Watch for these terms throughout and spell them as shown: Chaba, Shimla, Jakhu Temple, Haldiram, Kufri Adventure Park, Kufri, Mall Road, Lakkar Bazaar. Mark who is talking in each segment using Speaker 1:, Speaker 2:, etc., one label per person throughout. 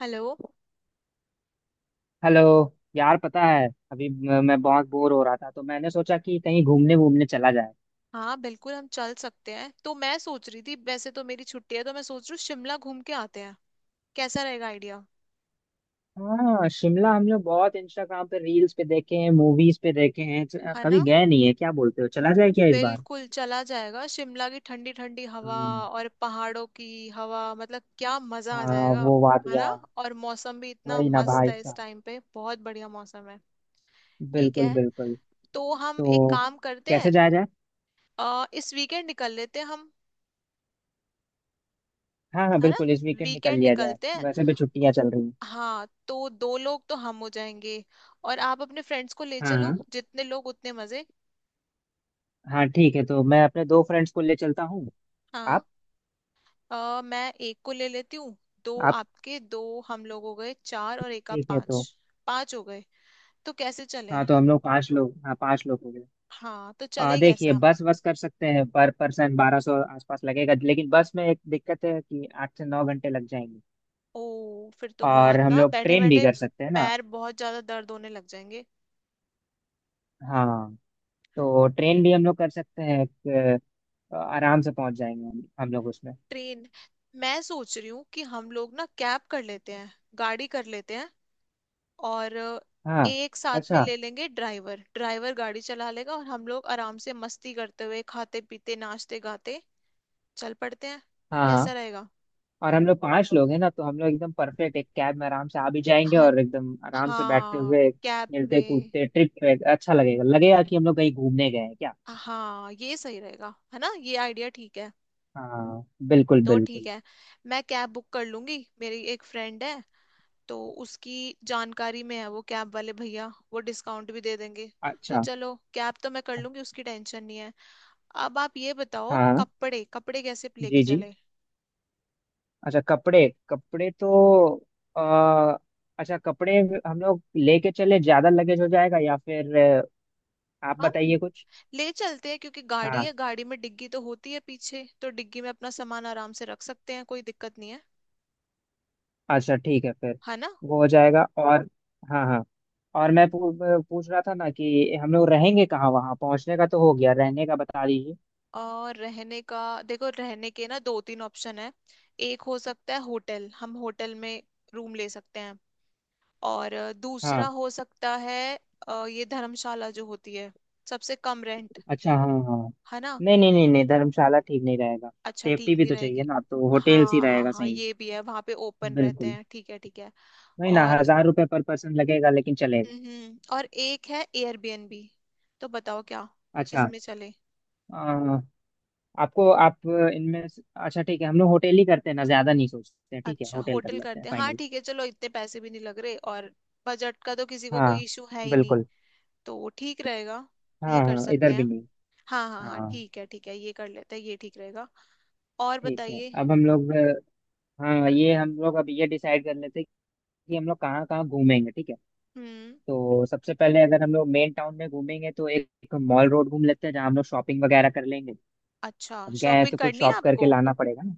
Speaker 1: Hello.
Speaker 2: Hello. यार पता है अभी मैं बहुत बोर हो रहा था, तो मैंने सोचा कि कहीं घूमने वूमने चला जाए।
Speaker 1: हाँ बिल्कुल हम चल सकते हैं। तो मैं सोच रही थी, वैसे तो मेरी छुट्टी है, तो मैं सोच रही हूँ शिमला घूम के आते हैं। कैसा रहेगा आइडिया।
Speaker 2: हाँ, शिमला हम लोग बहुत इंस्टाग्राम पे, रील्स पे देखे हैं, मूवीज पे देखे हैं,
Speaker 1: है
Speaker 2: कभी
Speaker 1: ना।
Speaker 2: गए नहीं है। क्या बोलते हो, चला जाए क्या इस बार?
Speaker 1: बिल्कुल चला जाएगा। शिमला की ठंडी ठंडी हवा
Speaker 2: हाँ
Speaker 1: और पहाड़ों की हवा, मतलब क्या मजा आ
Speaker 2: हाँ,
Speaker 1: जाएगा।
Speaker 2: वो
Speaker 1: है
Speaker 2: वादिया।
Speaker 1: ना। और मौसम भी इतना
Speaker 2: वही ना
Speaker 1: मस्त
Speaker 2: भाई
Speaker 1: है, इस
Speaker 2: साहब।
Speaker 1: टाइम पे बहुत बढ़िया मौसम है। ठीक
Speaker 2: बिल्कुल
Speaker 1: है।
Speaker 2: बिल्कुल।
Speaker 1: तो हम एक
Speaker 2: तो
Speaker 1: काम करते हैं।
Speaker 2: कैसे जाया जाए?
Speaker 1: इस वीकेंड निकल लेते हैं हम।
Speaker 2: हाँ हाँ
Speaker 1: है ना।
Speaker 2: बिल्कुल, इस वीकेंड निकल
Speaker 1: वीकेंड
Speaker 2: लिया जाए।
Speaker 1: निकलते हैं।
Speaker 2: वैसे भी छुट्टियां चल रही हैं।
Speaker 1: हाँ, तो दो लोग तो हम हो जाएंगे। और आप अपने फ्रेंड्स को ले
Speaker 2: हाँ
Speaker 1: चलो,
Speaker 2: हाँ।
Speaker 1: जितने लोग उतने मजे।
Speaker 2: हाँ ठीक है, तो मैं अपने दो फ्रेंड्स को ले चलता हूँ।
Speaker 1: हाँ।
Speaker 2: आप?
Speaker 1: मैं एक को ले लेती हूँ। दो
Speaker 2: आप।
Speaker 1: आपके, दो हम, लोग हो गए चार और एक आप,
Speaker 2: ठीक है
Speaker 1: पांच।
Speaker 2: तो।
Speaker 1: पांच हो गए। तो कैसे चले।
Speaker 2: हाँ, तो हम लोग पांच लोग, हाँ पांच लोग हो गए।
Speaker 1: हाँ तो
Speaker 2: आ
Speaker 1: चले कैसे
Speaker 2: देखिए,
Speaker 1: हम।
Speaker 2: बस बस कर सकते हैं, पर पर्सन 1200 आसपास लगेगा, लेकिन बस में एक दिक्कत है कि 8 से 9 घंटे लग जाएंगे।
Speaker 1: ओ फिर तो बहुत
Speaker 2: और हम
Speaker 1: ना
Speaker 2: लोग
Speaker 1: बैठे
Speaker 2: ट्रेन भी
Speaker 1: बैठे
Speaker 2: कर सकते हैं ना?
Speaker 1: पैर बहुत ज्यादा दर्द होने लग जाएंगे।
Speaker 2: हाँ तो ट्रेन भी हम लोग कर सकते हैं, आराम से पहुंच जाएंगे हम लोग उसमें।
Speaker 1: ट्रेन। मैं सोच रही हूँ कि हम लोग ना कैब कर लेते हैं, गाड़ी कर लेते हैं। और
Speaker 2: हाँ।
Speaker 1: एक साथ में
Speaker 2: अच्छा।
Speaker 1: ले लेंगे। ड्राइवर ड्राइवर गाड़ी चला लेगा और हम लोग आराम से मस्ती करते हुए खाते पीते नाचते गाते चल पड़ते हैं।
Speaker 2: हाँ
Speaker 1: कैसा
Speaker 2: हाँ।
Speaker 1: रहेगा।
Speaker 2: और हम लोग पांच लोग हैं ना, तो हम लोग एकदम परफेक्ट एक कैब में आराम से आ भी जाएंगे,
Speaker 1: हाँ
Speaker 2: और एकदम आराम से बैठते
Speaker 1: हाँ।
Speaker 2: हुए
Speaker 1: कैब
Speaker 2: खेलते
Speaker 1: में।
Speaker 2: कूदते ट्रिप पे अच्छा लगेगा। लगेगा कि हम लोग कहीं घूमने गए हैं क्या।
Speaker 1: हाँ ये सही रहेगा। है ना। ये आइडिया ठीक है।
Speaker 2: हाँ बिल्कुल
Speaker 1: तो ठीक
Speaker 2: बिल्कुल।
Speaker 1: है। मैं कैब बुक कर लूंगी, मेरी एक फ्रेंड है, तो उसकी जानकारी में है वो कैब वाले भैया, वो डिस्काउंट भी दे देंगे। तो
Speaker 2: अच्छा।
Speaker 1: चलो कैब तो मैं कर लूंगी, उसकी टेंशन नहीं है। अब आप ये बताओ,
Speaker 2: हाँ।
Speaker 1: कपड़े कपड़े कैसे लेके
Speaker 2: जी जी।
Speaker 1: चले।
Speaker 2: अच्छा, कपड़े कपड़े तो आ, अच्छा, कपड़े हम लोग लेके चले ज्यादा लगेज हो जाएगा, या फिर आप
Speaker 1: हम
Speaker 2: बताइए कुछ।
Speaker 1: ले चलते हैं क्योंकि गाड़ी
Speaker 2: हाँ।
Speaker 1: है, गाड़ी में डिग्गी तो होती है पीछे, तो डिग्गी में अपना सामान आराम से रख सकते हैं, कोई दिक्कत नहीं है।
Speaker 2: अच्छा ठीक है फिर।
Speaker 1: है ना।
Speaker 2: वो हो जाएगा, और हाँ हाँ, और पूछ रहा था ना कि हम लोग रहेंगे कहाँ? वहाँ पहुँचने का तो हो गया, रहने का बता दीजिए।
Speaker 1: और रहने का। देखो रहने के ना दो तीन ऑप्शन है। एक हो सकता है होटल, हम होटल में रूम ले सकते हैं। और
Speaker 2: हाँ।
Speaker 1: दूसरा हो सकता है ये धर्मशाला जो होती है, सबसे कम रेंट।
Speaker 2: अच्छा हाँ हाँ।
Speaker 1: है ना।
Speaker 2: नहीं नहीं नहीं नहीं, धर्मशाला ठीक नहीं रहेगा।
Speaker 1: अच्छा
Speaker 2: सेफ्टी
Speaker 1: ठीक
Speaker 2: भी
Speaker 1: नहीं
Speaker 2: तो चाहिए
Speaker 1: रहेगी।
Speaker 2: ना, तो होटेल्स ही
Speaker 1: हाँ हाँ
Speaker 2: रहेगा
Speaker 1: हाँ
Speaker 2: सही।
Speaker 1: ये भी है, वहां पे ओपन रहते
Speaker 2: बिल्कुल।
Speaker 1: हैं। ठीक है ठीक है।
Speaker 2: नहीं ना,
Speaker 1: और
Speaker 2: 1000 रुपये पर पर्सन लगेगा, लेकिन चलेगा।
Speaker 1: और एक है एयरबीएनबी। तो बताओ क्या,
Speaker 2: अच्छा।
Speaker 1: किसमें चले।
Speaker 2: अ, आपको, आप अच्छा, ठीक है, हम लोग होटल ही करते हैं ना, ज्यादा नहीं सोचते हैं, ठीक है,
Speaker 1: अच्छा
Speaker 2: होटल कर
Speaker 1: होटल
Speaker 2: लेते हैं
Speaker 1: करते हैं। हाँ
Speaker 2: फाइनल।
Speaker 1: ठीक है चलो, इतने पैसे भी नहीं लग रहे, और बजट का तो किसी को कोई
Speaker 2: हाँ
Speaker 1: इशू है ही नहीं।
Speaker 2: बिल्कुल।
Speaker 1: तो वो ठीक रहेगा। ये
Speaker 2: हाँ
Speaker 1: कर
Speaker 2: हाँ,
Speaker 1: सकते
Speaker 2: इधर भी
Speaker 1: हैं।
Speaker 2: नहीं।
Speaker 1: हाँ हाँ हाँ
Speaker 2: हाँ।
Speaker 1: ठीक है ये कर लेते हैं, ये ठीक रहेगा। और
Speaker 2: ठीक है,
Speaker 1: बताइए।
Speaker 2: अब हम लोग, हाँ ये हम लोग अब ये डिसाइड कर लेते हैं कि हम लोग कहाँ कहाँ घूमेंगे, ठीक है।
Speaker 1: हम्म।
Speaker 2: तो सबसे पहले अगर हम लोग मेन टाउन में घूमेंगे, तो एक मॉल रोड घूम लेते हैं, जहाँ हम लोग शॉपिंग वगैरह कर लेंगे।
Speaker 1: अच्छा
Speaker 2: अब गए हैं
Speaker 1: शॉपिंग
Speaker 2: तो कुछ
Speaker 1: करनी है
Speaker 2: शॉप करके
Speaker 1: आपको।
Speaker 2: लाना पड़ेगा ना।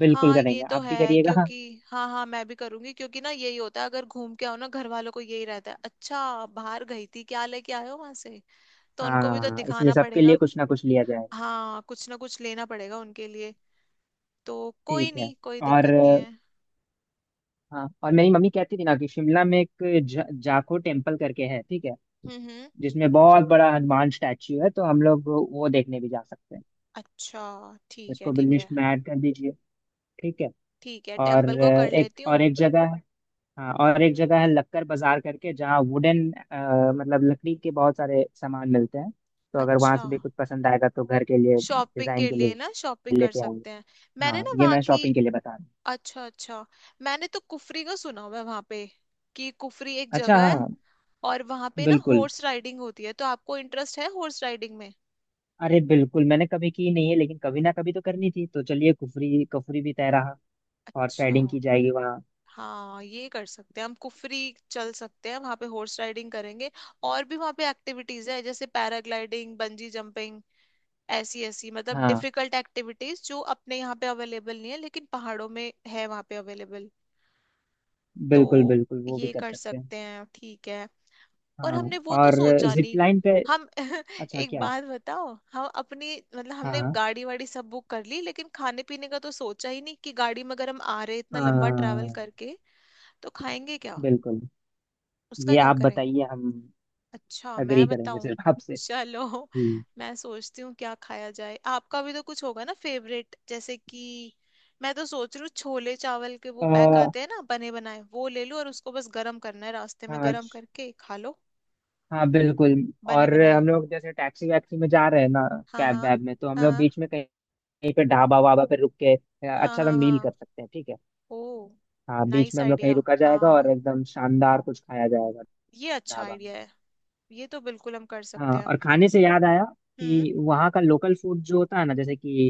Speaker 2: बिल्कुल
Speaker 1: हाँ ये
Speaker 2: करेंगे,
Speaker 1: तो
Speaker 2: आप भी
Speaker 1: है,
Speaker 2: करिएगा।
Speaker 1: क्योंकि हाँ हाँ मैं भी करूंगी, क्योंकि ना यही होता है, अगर घूम के आओ ना, घर वालों को यही रहता है, अच्छा बाहर गई थी, क्या लेके आए हो वहां से। तो उनको भी तो
Speaker 2: हाँ, इसलिए
Speaker 1: दिखाना
Speaker 2: सबके लिए
Speaker 1: पड़ेगा।
Speaker 2: कुछ ना कुछ लिया जाए।
Speaker 1: हाँ, कुछ ना कुछ लेना पड़ेगा उनके लिए। तो कोई
Speaker 2: ठीक है।
Speaker 1: नहीं, कोई
Speaker 2: और
Speaker 1: दिक्कत नहीं है।
Speaker 2: हाँ, और मेरी मम्मी कहती थी ना कि शिमला में एक जाखो टेम्पल करके है, ठीक है,
Speaker 1: हम्म।
Speaker 2: जिसमें बहुत बड़ा हनुमान स्टैचू है, तो हम लोग वो देखने भी जा सकते हैं।
Speaker 1: अच्छा ठीक है
Speaker 2: इसको भी
Speaker 1: ठीक है।
Speaker 2: लिस्ट में ऐड कर दीजिए, ठीक है।
Speaker 1: ठीक है
Speaker 2: और
Speaker 1: टेम्पल को कर
Speaker 2: एक
Speaker 1: लेती हूँ।
Speaker 2: और, एक जगह है, हाँ और एक जगह है लक्कर बाजार करके, जहाँ वुडन, मतलब लकड़ी के बहुत सारे सामान मिलते हैं, तो अगर वहां
Speaker 1: अच्छा
Speaker 2: से भी कुछ पसंद आएगा, तो घर के लिए,
Speaker 1: शॉपिंग
Speaker 2: डिजाइन
Speaker 1: के
Speaker 2: के
Speaker 1: लिए
Speaker 2: लिए
Speaker 1: ना, शॉपिंग कर
Speaker 2: लेते आएंगे।
Speaker 1: सकते हैं। मैंने
Speaker 2: हाँ,
Speaker 1: ना
Speaker 2: ये
Speaker 1: वहाँ
Speaker 2: मैं
Speaker 1: की।
Speaker 2: शॉपिंग के लिए बता रहा हूँ।
Speaker 1: अच्छा अच्छा। मैंने तो कुफरी का सुना हुआ है वहाँ पे, कि कुफरी एक
Speaker 2: अच्छा
Speaker 1: जगह है।
Speaker 2: हाँ,
Speaker 1: और वहाँ पे ना
Speaker 2: बिल्कुल,
Speaker 1: हॉर्स राइडिंग होती है, तो आपको इंटरेस्ट है हॉर्स राइडिंग में।
Speaker 2: अरे बिल्कुल, मैंने कभी की नहीं है, लेकिन कभी ना कभी तो करनी थी, तो चलिए, कुफरी कुफरी भी तय रहा। और
Speaker 1: अच्छा।
Speaker 2: साइडिंग की जाएगी वहाँ।
Speaker 1: हाँ ये कर सकते हैं, हम कुफरी चल सकते हैं, वहां पे हॉर्स राइडिंग करेंगे। और भी वहां पे एक्टिविटीज है, जैसे पैराग्लाइडिंग, बंजी जंपिंग, ऐसी ऐसी मतलब
Speaker 2: हाँ
Speaker 1: डिफिकल्ट एक्टिविटीज जो अपने यहाँ पे अवेलेबल नहीं है लेकिन पहाड़ों में है, वहां पे अवेलेबल। तो
Speaker 2: बिल्कुल बिल्कुल, वो भी
Speaker 1: ये
Speaker 2: कर
Speaker 1: कर
Speaker 2: सकते हैं।
Speaker 1: सकते हैं ठीक है। और
Speaker 2: हाँ,
Speaker 1: हमने वो तो
Speaker 2: और
Speaker 1: सोचा
Speaker 2: जिप
Speaker 1: नहीं।
Speaker 2: लाइन पे।
Speaker 1: हम
Speaker 2: अच्छा,
Speaker 1: एक
Speaker 2: क्या?
Speaker 1: बात बताओ। हम अपनी मतलब हमने
Speaker 2: हाँ
Speaker 1: गाड़ी वाड़ी सब बुक कर ली, लेकिन खाने पीने का तो सोचा ही नहीं कि गाड़ी में अगर हम आ रहे इतना लंबा ट्रैवल
Speaker 2: हाँ
Speaker 1: करके, तो खाएंगे
Speaker 2: बिल्कुल।
Speaker 1: उसका
Speaker 2: ये
Speaker 1: क्या
Speaker 2: आप
Speaker 1: करें।
Speaker 2: बताइए, हम
Speaker 1: अच्छा
Speaker 2: अग्री
Speaker 1: मैं
Speaker 2: करेंगे
Speaker 1: बताऊं।
Speaker 2: सिर्फ आपसे।
Speaker 1: चलो,
Speaker 2: जी।
Speaker 1: मैं सोचती हूँ क्या खाया जाए, आपका भी तो कुछ होगा ना फेवरेट, जैसे कि मैं तो सोच रही हूँ छोले चावल के वो पैक
Speaker 2: आ,
Speaker 1: आते हैं ना बने बनाए, वो ले लूं और उसको बस गरम करना है रास्ते में,
Speaker 2: हाँ
Speaker 1: गरम करके खा लो।
Speaker 2: हाँ बिल्कुल।
Speaker 1: बने
Speaker 2: और
Speaker 1: बनाए।
Speaker 2: हम लोग जैसे टैक्सी वैक्सी में जा रहे हैं ना,
Speaker 1: हाँ
Speaker 2: कैब
Speaker 1: हाँ
Speaker 2: वैब में, तो हम लोग
Speaker 1: हाँ
Speaker 2: बीच में कहीं, कहीं पे ढाबा वाबा पे रुक के
Speaker 1: हाँ
Speaker 2: अच्छा सा
Speaker 1: हाँ
Speaker 2: मील कर
Speaker 1: हाँ।
Speaker 2: सकते हैं, ठीक है।
Speaker 1: ओ,
Speaker 2: हाँ, बीच
Speaker 1: नाइस
Speaker 2: में हम लोग कहीं
Speaker 1: आइडिया।
Speaker 2: रुका जाएगा, और
Speaker 1: हाँ
Speaker 2: एकदम शानदार कुछ खाया जाएगा।
Speaker 1: ये अच्छा
Speaker 2: ढाबा में।
Speaker 1: आइडिया है। ये तो बिल्कुल हम कर सकते
Speaker 2: हाँ,
Speaker 1: हैं।
Speaker 2: और खाने से याद आया
Speaker 1: हम्म।
Speaker 2: कि वहाँ का लोकल फूड जो होता है ना, जैसे कि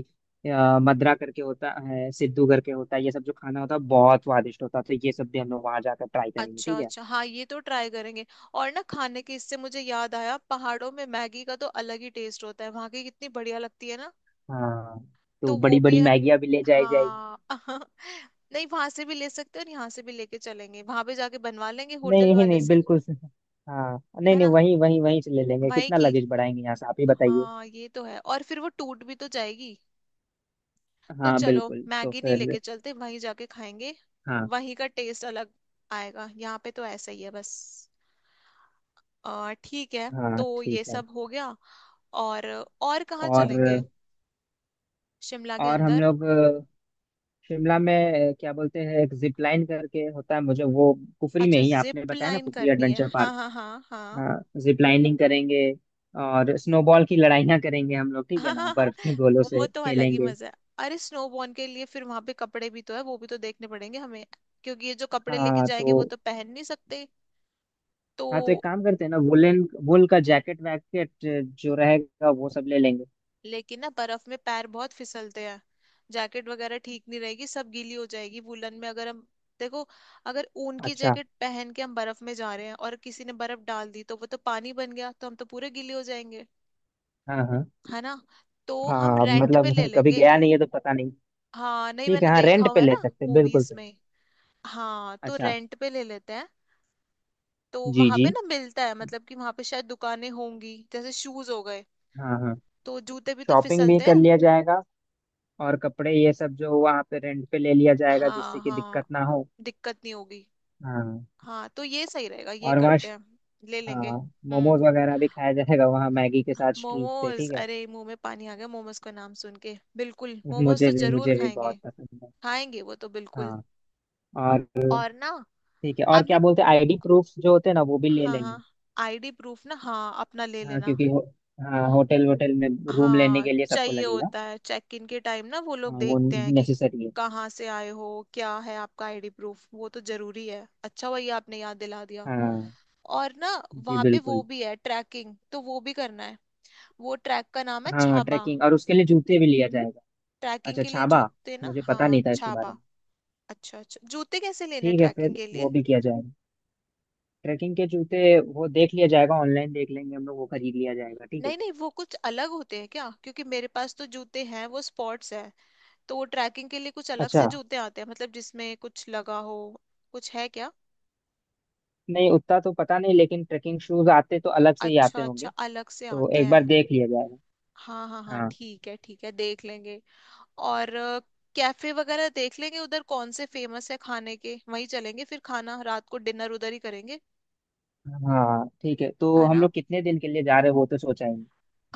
Speaker 2: मद्रा करके होता है, सिद्धू करके होता है, ये सब जो खाना होता है बहुत स्वादिष्ट होता है, तो ये सब भी हम लोग वहाँ जाकर ट्राई करेंगे,
Speaker 1: अच्छा
Speaker 2: ठीक है।
Speaker 1: अच्छा हाँ ये तो ट्राई करेंगे। और ना, खाने के इससे मुझे याद आया, पहाड़ों में मैगी का तो अलग ही टेस्ट होता है, वहां की कितनी बढ़िया लगती है ना।
Speaker 2: हाँ,
Speaker 1: तो
Speaker 2: तो बड़ी बड़ी मैगिया भी ले जाई जाएगी।
Speaker 1: हाँ नहीं वहां से भी ले सकते हैं और यहाँ से भी लेके चलेंगे, वहां पे जाके बनवा लेंगे होटल
Speaker 2: नहीं नहीं
Speaker 1: वाले
Speaker 2: नहीं,
Speaker 1: से।
Speaker 2: बिल्कुल हाँ नहीं
Speaker 1: है
Speaker 2: नहीं,
Speaker 1: ना,
Speaker 2: वहीं वहीं वहीं से ले लेंगे,
Speaker 1: वही
Speaker 2: कितना
Speaker 1: की।
Speaker 2: लगेज बढ़ाएंगे यहाँ से, आप ही बताइए।
Speaker 1: हाँ ये तो है, और फिर वो टूट भी तो जाएगी। तो
Speaker 2: हाँ
Speaker 1: चलो
Speaker 2: बिल्कुल तो
Speaker 1: मैगी नहीं
Speaker 2: फिर।
Speaker 1: लेके चलते, वहीं जाके खाएंगे,
Speaker 2: हाँ
Speaker 1: वहीं का टेस्ट अलग आएगा, यहाँ पे तो ऐसा ही है बस। ठीक है।
Speaker 2: हाँ
Speaker 1: तो ये
Speaker 2: ठीक है।
Speaker 1: सब हो गया। और और कहाँ
Speaker 2: और
Speaker 1: चलेंगे शिमला के
Speaker 2: और हम
Speaker 1: अंदर।
Speaker 2: लोग शिमला में क्या बोलते हैं एक जिप लाइन करके होता है मुझे, वो कुफरी में
Speaker 1: अच्छा
Speaker 2: ही आपने
Speaker 1: जिप
Speaker 2: बताया ना,
Speaker 1: लाइन
Speaker 2: कुफरी
Speaker 1: करनी है,
Speaker 2: एडवेंचर
Speaker 1: हाँ
Speaker 2: पार्क।
Speaker 1: हाँ हाँ हाँ।
Speaker 2: हाँ, जिप लाइनिंग करेंगे, और स्नोबॉल की लड़ाइयाँ करेंगे हम लोग, ठीक है
Speaker 1: हाँ
Speaker 2: ना,
Speaker 1: हाँ हाँ,
Speaker 2: बर्फ के गोलों
Speaker 1: वो
Speaker 2: से
Speaker 1: तो अलग ही
Speaker 2: खेलेंगे।
Speaker 1: मजा है। अरे स्नोबॉर्न के लिए फिर वहां पे कपड़े भी तो है, वो भी तो देखने पड़ेंगे हमें, क्योंकि ये जो कपड़े लेके
Speaker 2: हाँ
Speaker 1: जाएंगे वो
Speaker 2: तो।
Speaker 1: तो पहन नहीं सकते। तो
Speaker 2: हाँ तो एक काम करते हैं ना, वुलन, वुल का जैकेट वैकेट जो रहेगा वो सब ले लेंगे।
Speaker 1: लेकिन ना बर्फ में पैर बहुत फिसलते हैं, जैकेट वगैरह ठीक नहीं रहेगी, सब गीली हो जाएगी वुलन में, अगर हम। देखो, अगर ऊन की
Speaker 2: अच्छा।
Speaker 1: जैकेट पहन के हम बर्फ में जा रहे हैं और किसी ने बर्फ डाल दी, तो वो तो पानी बन गया, तो हम तो पूरे गीले हो जाएंगे।
Speaker 2: हाँ हाँ।
Speaker 1: है ना। तो हम
Speaker 2: हाँ
Speaker 1: रेंट पे ले
Speaker 2: मतलब कभी
Speaker 1: लेंगे।
Speaker 2: गया नहीं है तो पता नहीं।
Speaker 1: हाँ नहीं
Speaker 2: ठीक है,
Speaker 1: मैंने
Speaker 2: हाँ
Speaker 1: देखा
Speaker 2: रेंट पे
Speaker 1: हुआ है
Speaker 2: ले
Speaker 1: ना,
Speaker 2: सकते हैं, बिल्कुल
Speaker 1: मूवीज
Speaker 2: सही।
Speaker 1: में। हाँ तो
Speaker 2: अच्छा।
Speaker 1: रेंट पे ले लेते हैं। तो
Speaker 2: जी
Speaker 1: वहां पे
Speaker 2: जी।
Speaker 1: ना मिलता है, मतलब कि वहां पे शायद दुकानें होंगी, जैसे शूज हो गए,
Speaker 2: हाँ हाँ।
Speaker 1: तो जूते भी तो
Speaker 2: शॉपिंग भी
Speaker 1: फिसलते
Speaker 2: कर
Speaker 1: हैं।
Speaker 2: लिया जाएगा, और कपड़े ये सब जो वहाँ पे रेंट पे ले लिया जाएगा, जिससे
Speaker 1: हाँ
Speaker 2: कि दिक्कत
Speaker 1: हाँ,
Speaker 2: ना हो।
Speaker 1: दिक्कत नहीं होगी।
Speaker 2: हाँ,
Speaker 1: हाँ तो ये सही रहेगा ये
Speaker 2: और वहाँ।
Speaker 1: करते हैं। ले लेंगे।
Speaker 2: हाँ,
Speaker 1: हम्म।
Speaker 2: मोमोज वगैरह भी खाया जाएगा वहाँ, मैगी के साथ, स्ट्रीट पे,
Speaker 1: मोमोज,
Speaker 2: ठीक है।
Speaker 1: अरे मुंह में पानी आ गया, मोमोज का नाम सुन के, बिल्कुल मोमोज तो
Speaker 2: मुझे भी,
Speaker 1: जरूर
Speaker 2: मुझे भी
Speaker 1: खाएंगे।
Speaker 2: बहुत पसंद है।
Speaker 1: खाएंगे वो तो बिल्कुल।
Speaker 2: हाँ और।
Speaker 1: और ना।
Speaker 2: ठीक है, और क्या
Speaker 1: आपने,
Speaker 2: बोलते हैं आईडी प्रूफ जो होते हैं ना, वो भी ले
Speaker 1: हाँ हाँ
Speaker 2: लेंगे।
Speaker 1: आईडी प्रूफ ना, हाँ अपना ले
Speaker 2: हाँ,
Speaker 1: लेना।
Speaker 2: क्योंकि हाँ होटल वोटल में रूम लेने
Speaker 1: हाँ
Speaker 2: के लिए सबको
Speaker 1: चाहिए
Speaker 2: लगेगा।
Speaker 1: होता है चेक इन के टाइम ना, वो लोग
Speaker 2: हाँ, वो
Speaker 1: देखते हैं कि
Speaker 2: नेसेसरी है।
Speaker 1: कहाँ से आए हो, क्या है आपका आईडी प्रूफ, वो तो जरूरी है। अच्छा हुआ ये आपने याद दिला दिया।
Speaker 2: हाँ
Speaker 1: और ना,
Speaker 2: जी
Speaker 1: वहाँ पे वो
Speaker 2: बिल्कुल।
Speaker 1: भी है ट्रैकिंग, तो वो भी करना है। वो ट्रैक का नाम है
Speaker 2: हाँ,
Speaker 1: छाबा।
Speaker 2: ट्रैकिंग, और उसके लिए जूते भी लिया जाएगा।
Speaker 1: ट्रैकिंग
Speaker 2: अच्छा
Speaker 1: के लिए
Speaker 2: छाबा,
Speaker 1: जूते ना,
Speaker 2: मुझे पता
Speaker 1: हाँ
Speaker 2: नहीं था इसके बारे
Speaker 1: छाबा।
Speaker 2: में।
Speaker 1: अच्छा अच्छा। जूते कैसे लेने
Speaker 2: ठीक है
Speaker 1: ट्रैकिंग
Speaker 2: फिर
Speaker 1: के लिए।
Speaker 2: वो भी किया जाएगा। ट्रैकिंग के जूते, वो देख लिया जाएगा, ऑनलाइन देख लेंगे हम लोग, वो खरीद लिया जाएगा, ठीक है।
Speaker 1: नहीं नहीं, वो कुछ अलग होते हैं क्या, क्योंकि मेरे पास तो जूते हैं वो स्पॉट्स है। तो ट्रैकिंग के लिए कुछ अलग
Speaker 2: अच्छा,
Speaker 1: से जूते आते हैं, मतलब जिसमें कुछ लगा हो। कुछ है क्या।
Speaker 2: नहीं उतना तो पता नहीं, लेकिन ट्रैकिंग शूज आते तो अलग से ही आते
Speaker 1: अच्छा
Speaker 2: होंगे।
Speaker 1: अच्छा, अलग से
Speaker 2: तो
Speaker 1: आते
Speaker 2: एक बार
Speaker 1: हैं।
Speaker 2: देख लिया जाएगा।
Speaker 1: हाँ हाँ हाँ
Speaker 2: हाँ
Speaker 1: ठीक है देख लेंगे। और कैफे वगैरह देख लेंगे उधर कौन से फेमस है खाने के, वहीं चलेंगे फिर, खाना रात को डिनर उधर ही करेंगे।
Speaker 2: हाँ ठीक है, तो
Speaker 1: है
Speaker 2: हम
Speaker 1: ना।
Speaker 2: लोग कितने दिन के लिए जा रहे हैं, वो तो सोचा ही नहीं।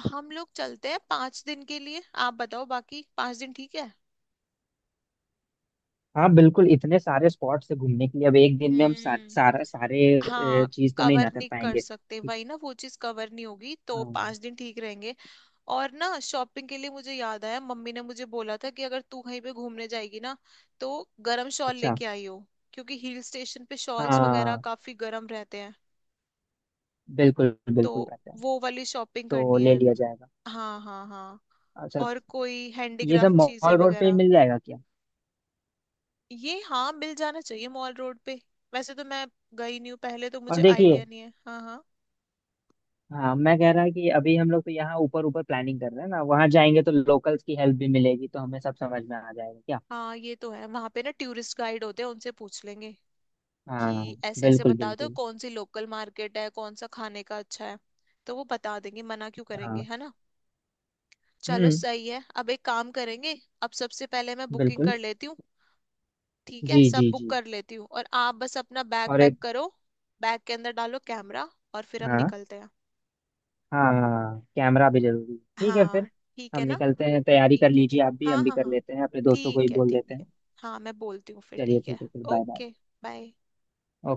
Speaker 1: हम लोग चलते हैं 5 दिन के लिए, आप बताओ, बाकी 5 दिन ठीक है।
Speaker 2: हाँ बिल्कुल, इतने सारे स्पॉट्स है घूमने के लिए, अब एक दिन में हम
Speaker 1: हम्म।
Speaker 2: सारे
Speaker 1: हाँ,
Speaker 2: चीज तो नहीं ना
Speaker 1: कवर
Speaker 2: कर
Speaker 1: नहीं कर
Speaker 2: पाएंगे,
Speaker 1: सकते
Speaker 2: ठीक।
Speaker 1: वही ना, वो चीज कवर नहीं होगी, तो
Speaker 2: हाँ,
Speaker 1: 5 दिन ठीक रहेंगे। और ना, शॉपिंग के लिए मुझे याद आया, मम्मी ने मुझे बोला था कि अगर तू कहीं पे घूमने जाएगी ना, तो गरम शॉल
Speaker 2: अच्छा।
Speaker 1: लेके आई हो, क्योंकि हिल स्टेशन पे शॉल्स वगैरह
Speaker 2: हाँ
Speaker 1: काफी गरम रहते हैं।
Speaker 2: बिल्कुल
Speaker 1: तो
Speaker 2: बिल्कुल रहता है।
Speaker 1: वो वाली शॉपिंग
Speaker 2: तो
Speaker 1: करनी
Speaker 2: ले
Speaker 1: है।
Speaker 2: लिया जाएगा।
Speaker 1: हाँ हाँ हाँ।
Speaker 2: अच्छा,
Speaker 1: और कोई
Speaker 2: ये सब
Speaker 1: हैंडीक्राफ्ट चीजें
Speaker 2: मॉल रोड पे ही
Speaker 1: वगैरह।
Speaker 2: मिल जाएगा क्या?
Speaker 1: ये हाँ मिल जाना चाहिए मॉल रोड पे। वैसे तो मैं गई नहीं हूँ पहले, तो
Speaker 2: और
Speaker 1: मुझे
Speaker 2: देखिए,
Speaker 1: आइडिया नहीं है। हाँ हाँ।
Speaker 2: हाँ मैं कह रहा कि अभी हम लोग तो यहाँ ऊपर ऊपर प्लानिंग कर रहे हैं ना, वहाँ जाएंगे तो लोकल्स की हेल्प भी मिलेगी, तो हमें सब समझ में आ जाएगा क्या।
Speaker 1: हाँ ये तो है, वहां पे ना टूरिस्ट गाइड होते हैं, उनसे पूछ लेंगे
Speaker 2: हाँ
Speaker 1: कि ऐसे ऐसे
Speaker 2: बिल्कुल
Speaker 1: बता दो
Speaker 2: बिल्कुल।
Speaker 1: कौन सी लोकल मार्केट है, कौन सा खाने का अच्छा है। तो वो बता देंगे, मना क्यों करेंगे।
Speaker 2: हाँ।
Speaker 1: है ना। चलो
Speaker 2: हम्म।
Speaker 1: सही है। अब एक काम करेंगे। अब सबसे पहले मैं बुकिंग
Speaker 2: बिल्कुल।
Speaker 1: कर लेती हूँ। ठीक है
Speaker 2: जी
Speaker 1: सब
Speaker 2: जी
Speaker 1: बुक
Speaker 2: जी,
Speaker 1: कर लेती हूँ, और आप बस अपना बैग
Speaker 2: और
Speaker 1: पैक
Speaker 2: एक।
Speaker 1: करो। बैग के अंदर डालो कैमरा, और फिर हम
Speaker 2: हाँ
Speaker 1: निकलते हैं।
Speaker 2: हाँ, कैमरा भी जरूरी है, ठीक है
Speaker 1: हाँ।
Speaker 2: फिर।
Speaker 1: ठीक
Speaker 2: हम
Speaker 1: है ना।
Speaker 2: निकलते हैं, तैयारी कर
Speaker 1: ठीक है।
Speaker 2: लीजिए आप भी,
Speaker 1: हाँ
Speaker 2: हम भी
Speaker 1: हाँ
Speaker 2: कर
Speaker 1: हाँ
Speaker 2: लेते हैं, अपने दोस्तों को ही
Speaker 1: ठीक है
Speaker 2: बोल देते
Speaker 1: ठीक है।
Speaker 2: हैं।
Speaker 1: हाँ मैं बोलती हूँ फिर।
Speaker 2: चलिए
Speaker 1: ठीक है।
Speaker 2: ठीक है फिर, बाय बाय।
Speaker 1: ओके। बाय।